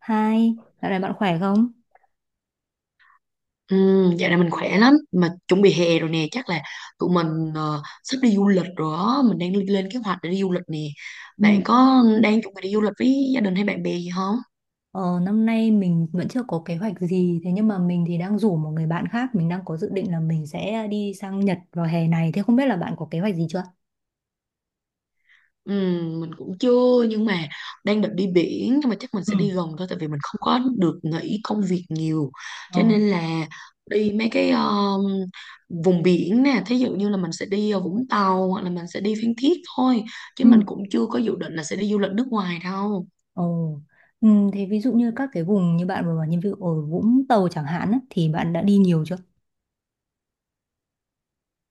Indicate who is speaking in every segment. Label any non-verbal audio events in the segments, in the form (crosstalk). Speaker 1: Hai, dạo này bạn khỏe không?
Speaker 2: Ừ, dạo này mình khỏe lắm mà chuẩn bị hè rồi nè, chắc là tụi mình sắp đi du lịch rồi đó. Mình đang lên kế hoạch để đi du lịch nè.
Speaker 1: Ừ.
Speaker 2: Bạn có đang chuẩn bị đi du lịch với gia đình hay bạn bè gì không?
Speaker 1: Ờ, năm nay mình vẫn chưa có kế hoạch gì, thế nhưng mà mình thì đang rủ một người bạn khác, mình đang có dự định là mình sẽ đi sang Nhật vào hè này, thế không biết là bạn có kế hoạch gì chưa?
Speaker 2: Ừ, mình cũng chưa nhưng mà đang định đi biển, nhưng mà chắc mình
Speaker 1: Ừ.
Speaker 2: sẽ đi gần thôi tại vì mình không có được nghỉ công việc nhiều,
Speaker 1: Ờ.
Speaker 2: cho nên là đi mấy cái vùng biển nè, thí dụ như là mình sẽ đi Vũng Tàu hoặc là mình sẽ đi Phan Thiết thôi, chứ mình
Speaker 1: Ừ.
Speaker 2: cũng chưa có dự định là sẽ đi du lịch nước ngoài đâu.
Speaker 1: Ồ, ừ, thế ví dụ như các cái vùng như bạn vừa bảo như ví dụ ở Vũng Tàu chẳng hạn á, thì bạn đã đi nhiều chưa?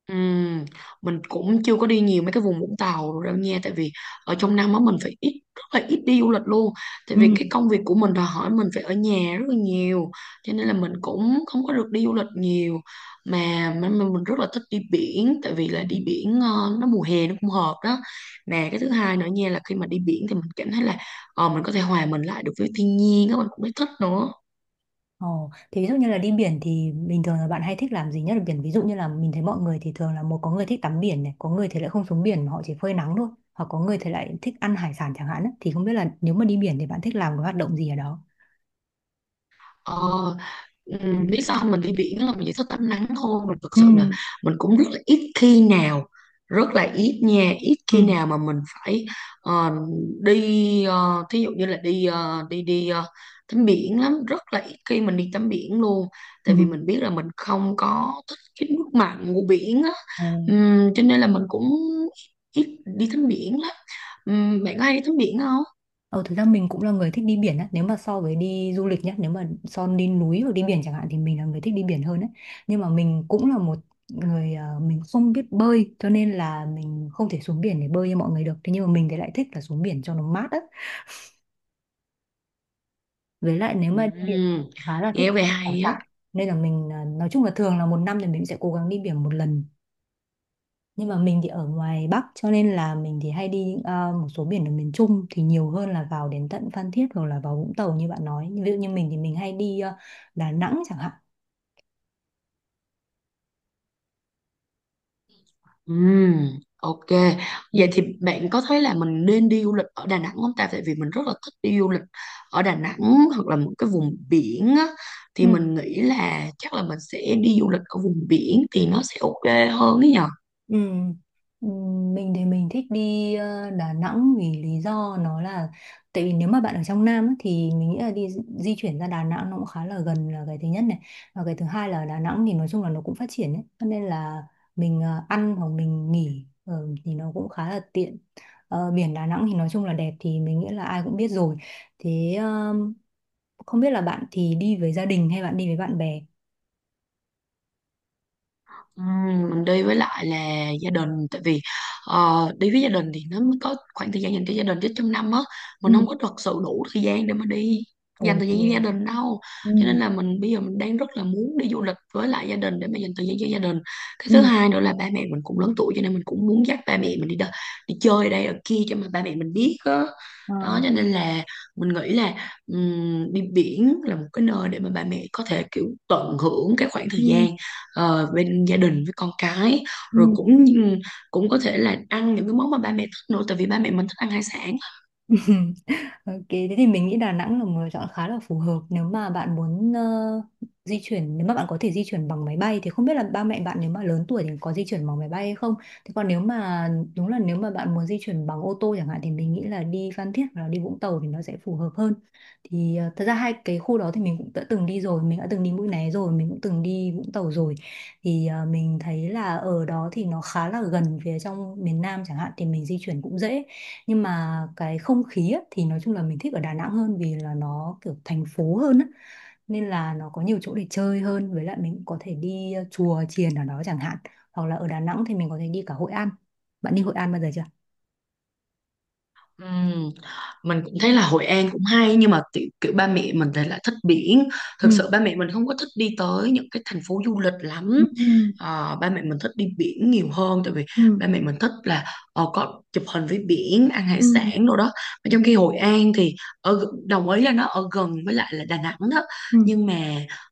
Speaker 2: Ừm, mình cũng chưa có đi nhiều mấy cái vùng Vũng Tàu đâu nha, tại vì ở trong năm á mình phải ít, rất là ít đi du lịch luôn, tại vì cái công việc của mình đòi hỏi mình phải ở nhà rất là nhiều, cho nên là mình cũng không có được đi du lịch nhiều. Mà mình rất là thích đi biển, tại vì
Speaker 1: Ừ.
Speaker 2: là đi biển nó mùa hè nó cũng hợp đó nè. Cái thứ hai nữa nha là khi mà đi biển thì mình cảm thấy là mình có thể hòa mình lại được với thiên nhiên đó, mình cũng thấy thích nữa.
Speaker 1: Ồ, thế ví dụ như là đi biển thì bình thường là bạn hay thích làm gì nhất ở biển? Ví dụ như là mình thấy mọi người thì thường là một có người thích tắm biển này, có người thì lại không xuống biển mà họ chỉ phơi nắng thôi, hoặc có người thì lại thích ăn hải sản chẳng hạn ấy. Thì không biết là nếu mà đi biển thì bạn thích làm cái hoạt động gì ở đó?
Speaker 2: Ờ, Ừ, lý do mình đi biển là mình chỉ thích tắm nắng thôi, mình thực
Speaker 1: Ừ,
Speaker 2: sự là mình cũng rất là ít khi nào, rất là ít nha, ít khi
Speaker 1: ừ,
Speaker 2: nào mà mình phải ờ, đi thí dụ như là đi đi đi tắm biển lắm, rất là ít khi mình đi tắm biển luôn,
Speaker 1: ừ.
Speaker 2: tại vì mình biết là mình không có thích cái nước mặn của biển á.
Speaker 1: Ồ.
Speaker 2: Cho nên là mình cũng ít đi tắm biển lắm. Bạn có hay đi tắm biển không?
Speaker 1: Ờ, thực ra mình cũng là người thích đi biển á. Nếu mà so với đi du lịch nhá, nếu mà so đi núi hoặc đi biển chẳng hạn thì mình là người thích đi biển hơn đấy. Nhưng mà mình cũng là một người mình không biết bơi cho nên là mình không thể xuống biển để bơi như mọi người được. Thế nhưng mà mình thì lại thích là xuống biển cho nó mát á. Với lại nếu mà đi biển thì
Speaker 2: Ừm,
Speaker 1: khá là thích
Speaker 2: Nghe về
Speaker 1: ăn hải
Speaker 2: hay á.
Speaker 1: sản. Nên là mình nói chung là thường là một năm thì mình sẽ cố gắng đi biển một lần nhưng mà mình thì ở ngoài Bắc cho nên là mình thì hay đi à, một số biển ở miền Trung thì nhiều hơn là vào đến tận Phan Thiết hoặc là vào Vũng Tàu như bạn nói ví dụ như mình thì mình hay đi à, Đà Nẵng chẳng hạn.
Speaker 2: Ừm, ok. Vậy
Speaker 1: Ừ.
Speaker 2: thì bạn có thấy là mình nên đi du lịch ở Đà Nẵng không ta? Tại vì mình rất là thích đi du lịch ở Đà Nẵng hoặc là một cái vùng biển á,
Speaker 1: Ừ.
Speaker 2: thì mình nghĩ là chắc là mình sẽ đi du lịch ở vùng biển thì nó sẽ ok hơn ấy nhờ.
Speaker 1: Ừ. Ừ, mình thì mình thích đi Đà Nẵng vì lý do nó là tại vì nếu mà bạn ở trong Nam á, thì mình nghĩ là đi di chuyển ra Đà Nẵng nó cũng khá là gần là cái thứ nhất này và cái thứ hai là Đà Nẵng thì nói chung là nó cũng phát triển ấy cho nên là mình ăn hoặc mình nghỉ thì nó cũng khá là tiện. Ờ, biển Đà Nẵng thì nói chung là đẹp thì mình nghĩ là ai cũng biết rồi. Thế không biết là bạn thì đi với gia đình hay bạn đi với bạn bè?
Speaker 2: Ừ, mình đi với lại là gia đình, tại vì đi với gia đình thì nó mới có khoảng thời gian dành cho gia đình, chứ trong năm á
Speaker 1: Ừ.
Speaker 2: mình không có thật sự đủ thời gian để mà đi
Speaker 1: Ồ,
Speaker 2: dành thời gian với gia đình đâu,
Speaker 1: ừ,
Speaker 2: cho nên là mình bây giờ mình đang rất là muốn đi du lịch với lại gia đình để mà dành thời gian cho gia đình. Cái
Speaker 1: ừ,
Speaker 2: thứ hai nữa là ba mẹ mình cũng lớn tuổi, cho nên mình cũng muốn dắt ba mẹ mình đi chơi ở đây ở kia cho mà ba mẹ mình biết á.
Speaker 1: ờ.
Speaker 2: Đó, cho nên là mình nghĩ là đi biển là một cái nơi để mà ba mẹ có thể kiểu tận hưởng cái khoảng thời
Speaker 1: Ừ,
Speaker 2: gian bên gia đình với con cái,
Speaker 1: ừ.
Speaker 2: rồi cũng cũng có thể là ăn những cái món mà ba mẹ thích nữa, tại vì ba mẹ mình thích ăn hải sản.
Speaker 1: (laughs) Ok, thế thì mình nghĩ Đà Nẵng là một lựa chọn khá là phù hợp nếu mà bạn muốn di chuyển, nếu mà bạn có thể di chuyển bằng máy bay thì không biết là ba mẹ bạn nếu mà lớn tuổi thì có di chuyển bằng máy bay hay không. Thế còn nếu mà đúng là nếu mà bạn muốn di chuyển bằng ô tô chẳng hạn thì mình nghĩ là đi Phan Thiết hoặc là đi Vũng Tàu thì nó sẽ phù hợp hơn. Thì thật ra hai cái khu đó thì mình cũng đã từng đi rồi, mình đã từng đi Mũi Né rồi, mình cũng từng đi Vũng Tàu rồi. Thì mình thấy là ở đó thì nó khá là gần phía trong miền Nam chẳng hạn thì mình di chuyển cũng dễ nhưng mà cái không khí á, thì nói chung là mình thích ở Đà Nẵng hơn vì là nó kiểu thành phố hơn á. Nên là nó có nhiều chỗ để chơi hơn với lại mình cũng có thể đi chùa chiền ở đó chẳng hạn hoặc là ở Đà Nẵng thì mình có thể đi cả Hội An. Bạn đi Hội An bao giờ chưa?
Speaker 2: Ừm, Mình cũng thấy là Hội An cũng hay, nhưng mà kiểu ba mẹ mình thì lại thích biển, thực
Speaker 1: Ừ,
Speaker 2: sự ba mẹ mình không có thích đi tới những cái thành phố du lịch lắm.
Speaker 1: ừ,
Speaker 2: Ba mẹ mình thích đi biển nhiều hơn, tại vì
Speaker 1: ừ,
Speaker 2: ba mẹ mình thích là có chụp hình với biển, ăn hải
Speaker 1: ừ,
Speaker 2: sản đồ đó, mà trong khi Hội An thì đồng ý là nó ở gần với lại là Đà Nẵng đó,
Speaker 1: ừ,
Speaker 2: nhưng mà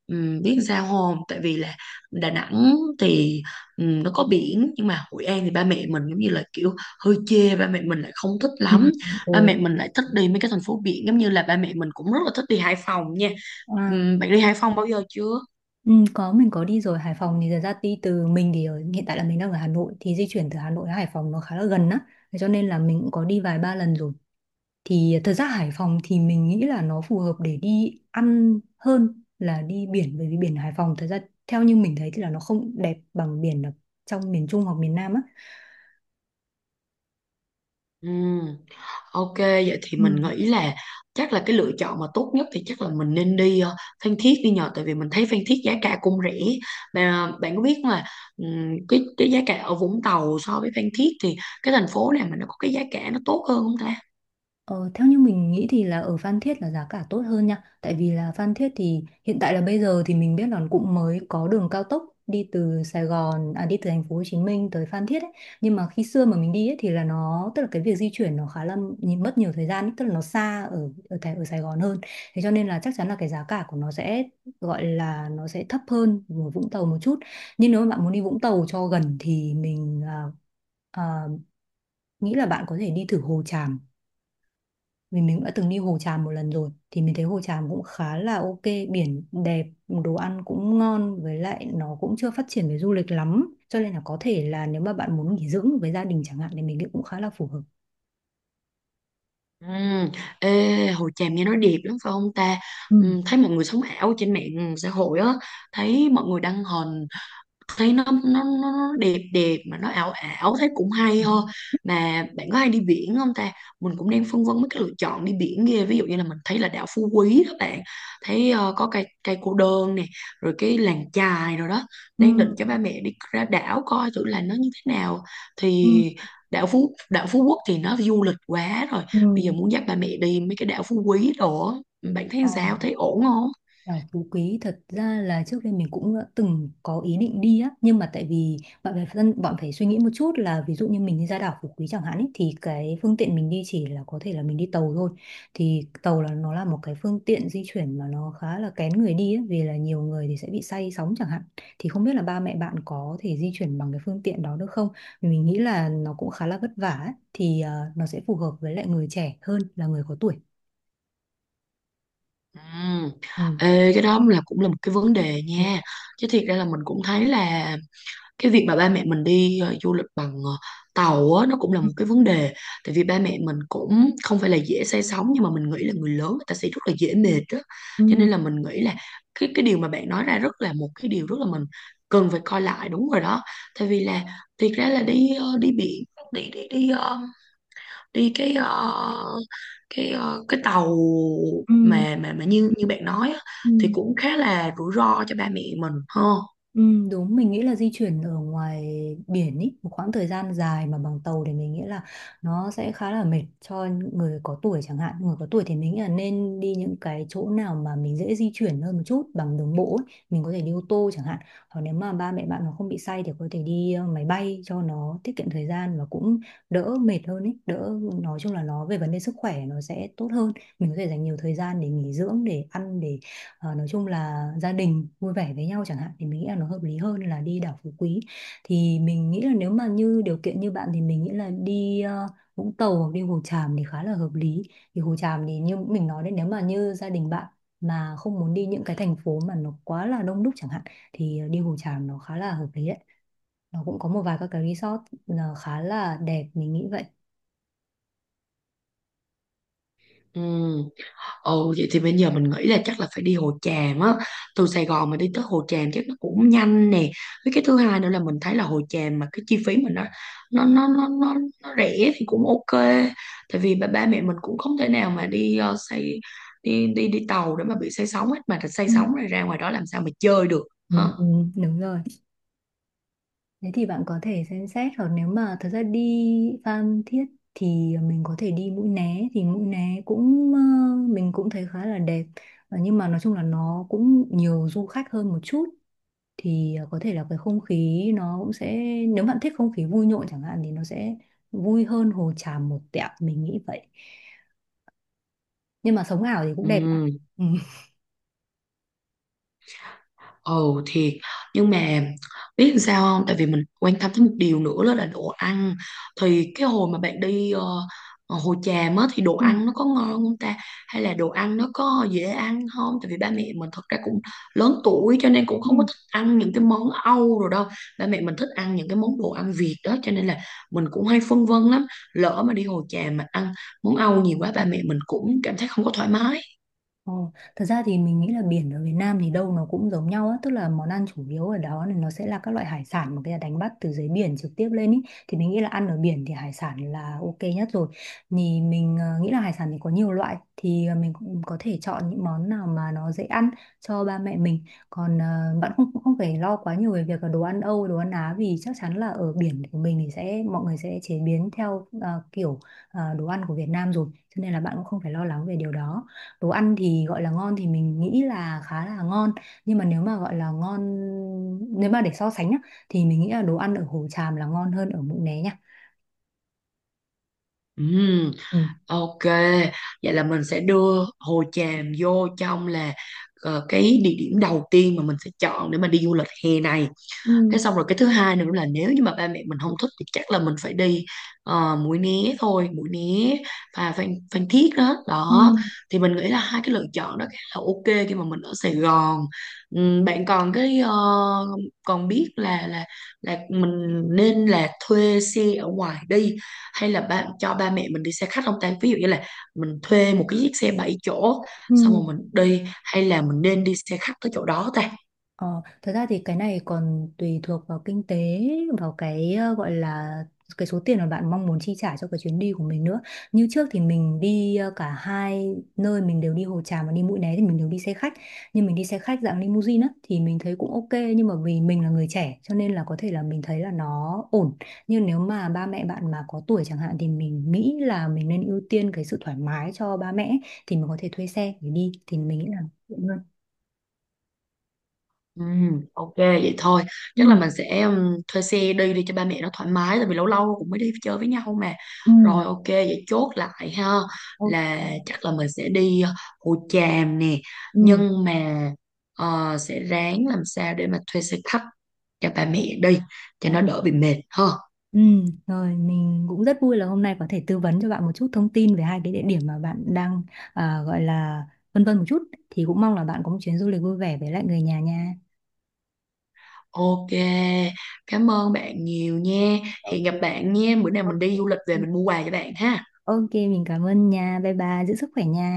Speaker 2: biết sao không, tại vì là Đà Nẵng thì nó có biển nhưng mà Hội An thì ba mẹ mình giống như là kiểu hơi chê, ba mẹ mình lại không thích
Speaker 1: ừ,
Speaker 2: lắm.
Speaker 1: ừ.
Speaker 2: Ba mẹ mình lại thích đi mấy cái thành phố biển, giống như là ba mẹ mình cũng rất là thích đi Hải Phòng nha.
Speaker 1: À,
Speaker 2: Bạn đi Hải Phòng bao giờ chưa?
Speaker 1: ừ, có mình có đi rồi. Hải Phòng thì thật ra đi từ mình thì hiện tại là mình đang ở Hà Nội thì di chuyển từ Hà Nội đến Hải Phòng nó khá là gần á. Thế cho nên là mình cũng có đi vài ba lần rồi. Thì thật ra Hải Phòng thì mình nghĩ là nó phù hợp để đi ăn hơn là đi biển bởi vì biển Hải Phòng thật ra theo như mình thấy thì là nó không đẹp bằng biển ở trong miền Trung hoặc miền Nam
Speaker 2: Ừm, ok, vậy thì mình
Speaker 1: á.
Speaker 2: nghĩ là chắc là cái lựa chọn mà tốt nhất thì chắc là mình nên đi Phan Thiết đi nhờ, tại vì mình thấy Phan Thiết giá cả cũng rẻ. Mà bạn có biết mà cái giá cả ở Vũng Tàu so với Phan Thiết thì cái thành phố nào mà nó có cái giá cả nó tốt hơn không ta?
Speaker 1: Ờ, theo như mình nghĩ thì là ở Phan Thiết là giá cả tốt hơn nha. Tại vì là Phan Thiết thì hiện tại là bây giờ thì mình biết là cũng mới có đường cao tốc đi từ Sài Gòn à đi từ thành phố Hồ Chí Minh tới Phan Thiết ấy. Nhưng mà khi xưa mà mình đi ấy, thì là nó tức là cái việc di chuyển nó khá là mất nhiều thời gian ấy, tức là nó xa ở ở Thái- ở Sài Gòn hơn. Thế cho nên là chắc chắn là cái giá cả của nó sẽ gọi là nó sẽ thấp hơn ở Vũng Tàu một chút. Nhưng nếu mà bạn muốn đi Vũng Tàu cho gần thì mình à, à, nghĩ là bạn có thể đi thử Hồ Tràm vì mình đã từng đi Hồ Tràm một lần rồi thì mình thấy Hồ Tràm cũng khá là ok. Biển đẹp đồ ăn cũng ngon với lại nó cũng chưa phát triển về du lịch lắm cho nên là có thể là nếu mà bạn muốn nghỉ dưỡng với gia đình chẳng hạn thì mình nghĩ cũng khá là phù hợp.
Speaker 2: Ừm, Ê, Hồ Tràm nghe nói đẹp lắm phải không ta?
Speaker 1: Ừ,
Speaker 2: Thấy mọi người sống ảo trên mạng xã hội á, thấy mọi người đăng hình, thấy nó đẹp đẹp mà nó ảo ảo, thấy cũng hay
Speaker 1: ừ,
Speaker 2: ho. Mà bạn có hay đi biển không ta? Mình cũng đang phân vân mấy cái lựa chọn đi biển kia, ví dụ như là mình thấy là đảo Phú Quý các bạn thấy có cây cây cô đơn nè, rồi cái làng chài rồi đó,
Speaker 1: ừ,
Speaker 2: đang định cho ba mẹ đi ra đảo coi thử là nó như thế nào.
Speaker 1: ừ,
Speaker 2: Thì đảo Phú Quốc thì nó du lịch quá rồi, bây giờ
Speaker 1: ừ.
Speaker 2: muốn dắt ba mẹ đi mấy cái đảo Phú Quý đồ á. Bạn thấy
Speaker 1: Ờ.
Speaker 2: sao, thấy ổn không?
Speaker 1: Đảo Phú Quý thật ra là trước đây mình cũng đã từng có ý định đi á nhưng mà tại vì bạn phải suy nghĩ một chút là ví dụ như mình đi ra đảo Phú Quý chẳng hạn ấy, thì cái phương tiện mình đi chỉ là có thể là mình đi tàu thôi thì tàu là nó là một cái phương tiện di chuyển mà nó khá là kén người đi ấy, vì là nhiều người thì sẽ bị say sóng chẳng hạn thì không biết là ba mẹ bạn có thể di chuyển bằng cái phương tiện đó được không. Vì mình nghĩ là nó cũng khá là vất vả ấy, thì nó sẽ phù hợp với lại người trẻ hơn là người có tuổi.
Speaker 2: Ừm,
Speaker 1: Ừ.
Speaker 2: Ê, cái đó là cũng là một cái vấn đề
Speaker 1: Ừ.
Speaker 2: nha, chứ thiệt ra là mình cũng thấy là cái việc mà ba mẹ mình đi du lịch bằng tàu á nó cũng là một cái vấn đề, tại vì ba mẹ mình cũng không phải là dễ say sóng nhưng mà mình nghĩ là người lớn người ta sẽ rất là dễ mệt đó, cho
Speaker 1: Ừ.
Speaker 2: nên là mình nghĩ là cái điều mà bạn nói ra rất là một cái điều rất là mình cần phải coi lại, đúng rồi đó. Tại vì là thiệt ra là đi đi biển đi đi đi ờ, đi cái tàu
Speaker 1: Ừ.
Speaker 2: mà như như bạn nói á, thì
Speaker 1: Ừ.
Speaker 2: cũng khá là rủi ro cho ba mẹ mình ha.
Speaker 1: Ừ, đúng mình nghĩ là di chuyển ở ngoài biển ý một khoảng thời gian dài mà bằng tàu thì mình nghĩ là nó sẽ khá là mệt cho người có tuổi chẳng hạn người có tuổi thì mình nghĩ là nên đi những cái chỗ nào mà mình dễ di chuyển hơn một chút bằng đường bộ ấy. Mình có thể đi ô tô chẳng hạn hoặc nếu mà ba mẹ bạn mà không bị say thì có thể đi máy bay cho nó tiết kiệm thời gian và cũng đỡ mệt hơn ấy đỡ nói chung là nó về vấn đề sức khỏe nó sẽ tốt hơn mình có thể dành nhiều thời gian để nghỉ dưỡng để ăn để. Ờ, nói chung là gia đình vui vẻ với nhau chẳng hạn thì mình nghĩ là nó hợp lý hơn là đi đảo Phú Quý thì mình nghĩ là nếu mà như điều kiện như bạn thì mình nghĩ là đi Vũng Tàu hoặc đi Hồ Tràm thì khá là hợp lý. Thì Hồ Tràm thì như mình nói đấy nếu mà như gia đình bạn mà không muốn đi những cái thành phố mà nó quá là đông đúc chẳng hạn thì đi Hồ Tràm nó khá là hợp lý đấy. Nó cũng có một vài các cái resort là khá là đẹp mình nghĩ vậy.
Speaker 2: Ừ. Ừ, vậy thì bây giờ mình nghĩ là chắc là phải đi Hồ Tràm á, từ Sài Gòn mà đi tới Hồ Tràm chắc nó cũng nhanh nè. Với cái thứ hai nữa là mình thấy là Hồ Tràm mà cái chi phí mình nó nó nó nó, nó rẻ thì cũng ok. Tại vì ba mẹ mình cũng không thể nào mà đi ờ, xây đi đi đi tàu để mà bị say sóng hết, mà thật say
Speaker 1: Ừ,
Speaker 2: sóng rồi ra ngoài đó làm sao mà chơi được
Speaker 1: ừ,
Speaker 2: ha.
Speaker 1: ừ, đúng rồi. Thế thì bạn có thể xem xét hoặc nếu mà thật ra đi Phan Thiết thì mình có thể đi Mũi Né thì Mũi Né cũng mình cũng thấy khá là đẹp. Ờ, nhưng mà nói chung là nó cũng nhiều du khách hơn một chút thì có thể là cái không khí nó cũng sẽ nếu bạn thích không khí vui nhộn chẳng hạn thì nó sẽ vui hơn Hồ Tràm một tẹo mình nghĩ vậy. Nhưng mà sống ảo thì cũng
Speaker 2: Ừ.
Speaker 1: đẹp nhá. Ừ.
Speaker 2: Ồ thiệt. Nhưng mà biết làm sao không, tại vì mình quan tâm tới một điều nữa đó là đồ ăn. Thì cái hồi mà bạn đi Hồ Tràm á thì đồ
Speaker 1: Ừ.
Speaker 2: ăn nó có ngon không ta? Hay là đồ ăn nó có dễ ăn không? Tại vì ba mẹ mình thật ra cũng lớn tuổi, cho nên cũng
Speaker 1: Ừ.
Speaker 2: không có thích ăn những cái món Âu rồi đâu. Ba mẹ mình thích ăn những cái món đồ ăn Việt đó, cho nên là mình cũng hay phân vân lắm, lỡ mà đi Hồ Tràm mà ăn món Âu nhiều quá, ba mẹ mình cũng cảm thấy không có thoải mái.
Speaker 1: Ồ, thật ra thì mình nghĩ là biển ở Việt Nam thì đâu nó cũng giống nhau á, tức là món ăn chủ yếu ở đó thì nó sẽ là các loại hải sản mà người ta đánh bắt từ dưới biển trực tiếp lên ý. Thì mình nghĩ là ăn ở biển thì hải sản là ok nhất rồi. Thì mình nghĩ là hải sản thì có nhiều loại thì mình cũng có thể chọn những món nào mà nó dễ ăn cho ba mẹ mình. Còn bạn không không phải lo quá nhiều về việc là đồ ăn Âu, đồ ăn Á vì chắc chắn là ở biển của mình thì sẽ mọi người sẽ chế biến theo kiểu đồ ăn của Việt Nam rồi, cho nên là bạn cũng không phải lo lắng về điều đó. Đồ ăn thì gọi là ngon thì mình nghĩ là khá là ngon nhưng mà nếu mà gọi là ngon nếu mà để so sánh nhá thì mình nghĩ là đồ ăn ở Hồ Tràm là ngon hơn ở Mũi Né nha.
Speaker 2: Ừ.
Speaker 1: Ừ.
Speaker 2: Ok, vậy là mình sẽ đưa Hồ Tràm vô trong là cái địa điểm đầu tiên mà mình sẽ chọn để mà đi du lịch hè này.
Speaker 1: Ừ.
Speaker 2: Thế xong rồi cái thứ hai nữa là nếu như mà ba mẹ mình không thích thì chắc là mình phải đi Mũi Né thôi, Mũi Né và Phan Thiết đó.
Speaker 1: Ừ.
Speaker 2: Đó, thì mình nghĩ là hai cái lựa chọn đó khá là ok khi mà mình ở Sài Gòn. Bạn còn cái còn biết là là mình nên là thuê xe ở ngoài đi hay là cho ba mẹ mình đi xe khách không ta? Ví dụ như là mình thuê một cái chiếc xe 7 chỗ
Speaker 1: Ừ.
Speaker 2: xong rồi mình đi, hay là mình nên đi xe khách tới chỗ đó ta?
Speaker 1: Ờ, thật ra thì cái này còn tùy thuộc vào kinh tế, vào cái gọi là cái số tiền mà bạn mong muốn chi trả cho cái chuyến đi của mình nữa. Như trước thì mình đi cả hai nơi, mình đều đi Hồ Tràm và đi Mũi Né thì mình đều đi xe khách. Nhưng mình đi xe khách dạng limousine á thì mình thấy cũng ok nhưng mà vì mình là người trẻ cho nên là có thể là mình thấy là nó ổn. Nhưng nếu mà ba mẹ bạn mà có tuổi chẳng hạn thì mình nghĩ là mình nên ưu tiên cái sự thoải mái cho ba mẹ ấy, thì mình có thể thuê xe để đi thì mình nghĩ là tiện hơn.
Speaker 2: Ừ, ok vậy thôi, chắc là
Speaker 1: Ừ.
Speaker 2: mình sẽ thuê xe đi đi cho ba mẹ nó thoải mái, tại vì lâu lâu cũng mới đi chơi với nhau mà.
Speaker 1: Ừ.
Speaker 2: Rồi, ok vậy chốt lại ha,
Speaker 1: Ok.
Speaker 2: là chắc là mình sẽ đi Hồ Tràm nè,
Speaker 1: Ừ,
Speaker 2: nhưng mà sẽ ráng làm sao để mà thuê xe khách cho ba mẹ đi cho
Speaker 1: ờ,
Speaker 2: nó đỡ bị mệt ha.
Speaker 1: ừ, rồi mình cũng rất vui là hôm nay có thể tư vấn cho bạn một chút thông tin về hai cái địa điểm mà bạn đang à, gọi là vân vân một chút thì cũng mong là bạn có một chuyến du lịch vui vẻ với lại người nhà nha.
Speaker 2: Ok, cảm ơn bạn nhiều nha. Hẹn gặp
Speaker 1: Ok,
Speaker 2: bạn nha, bữa nào mình đi
Speaker 1: ok.
Speaker 2: du lịch về mình mua quà cho bạn ha.
Speaker 1: Ok, mình cảm ơn nha. Bye bye, giữ sức khỏe nha.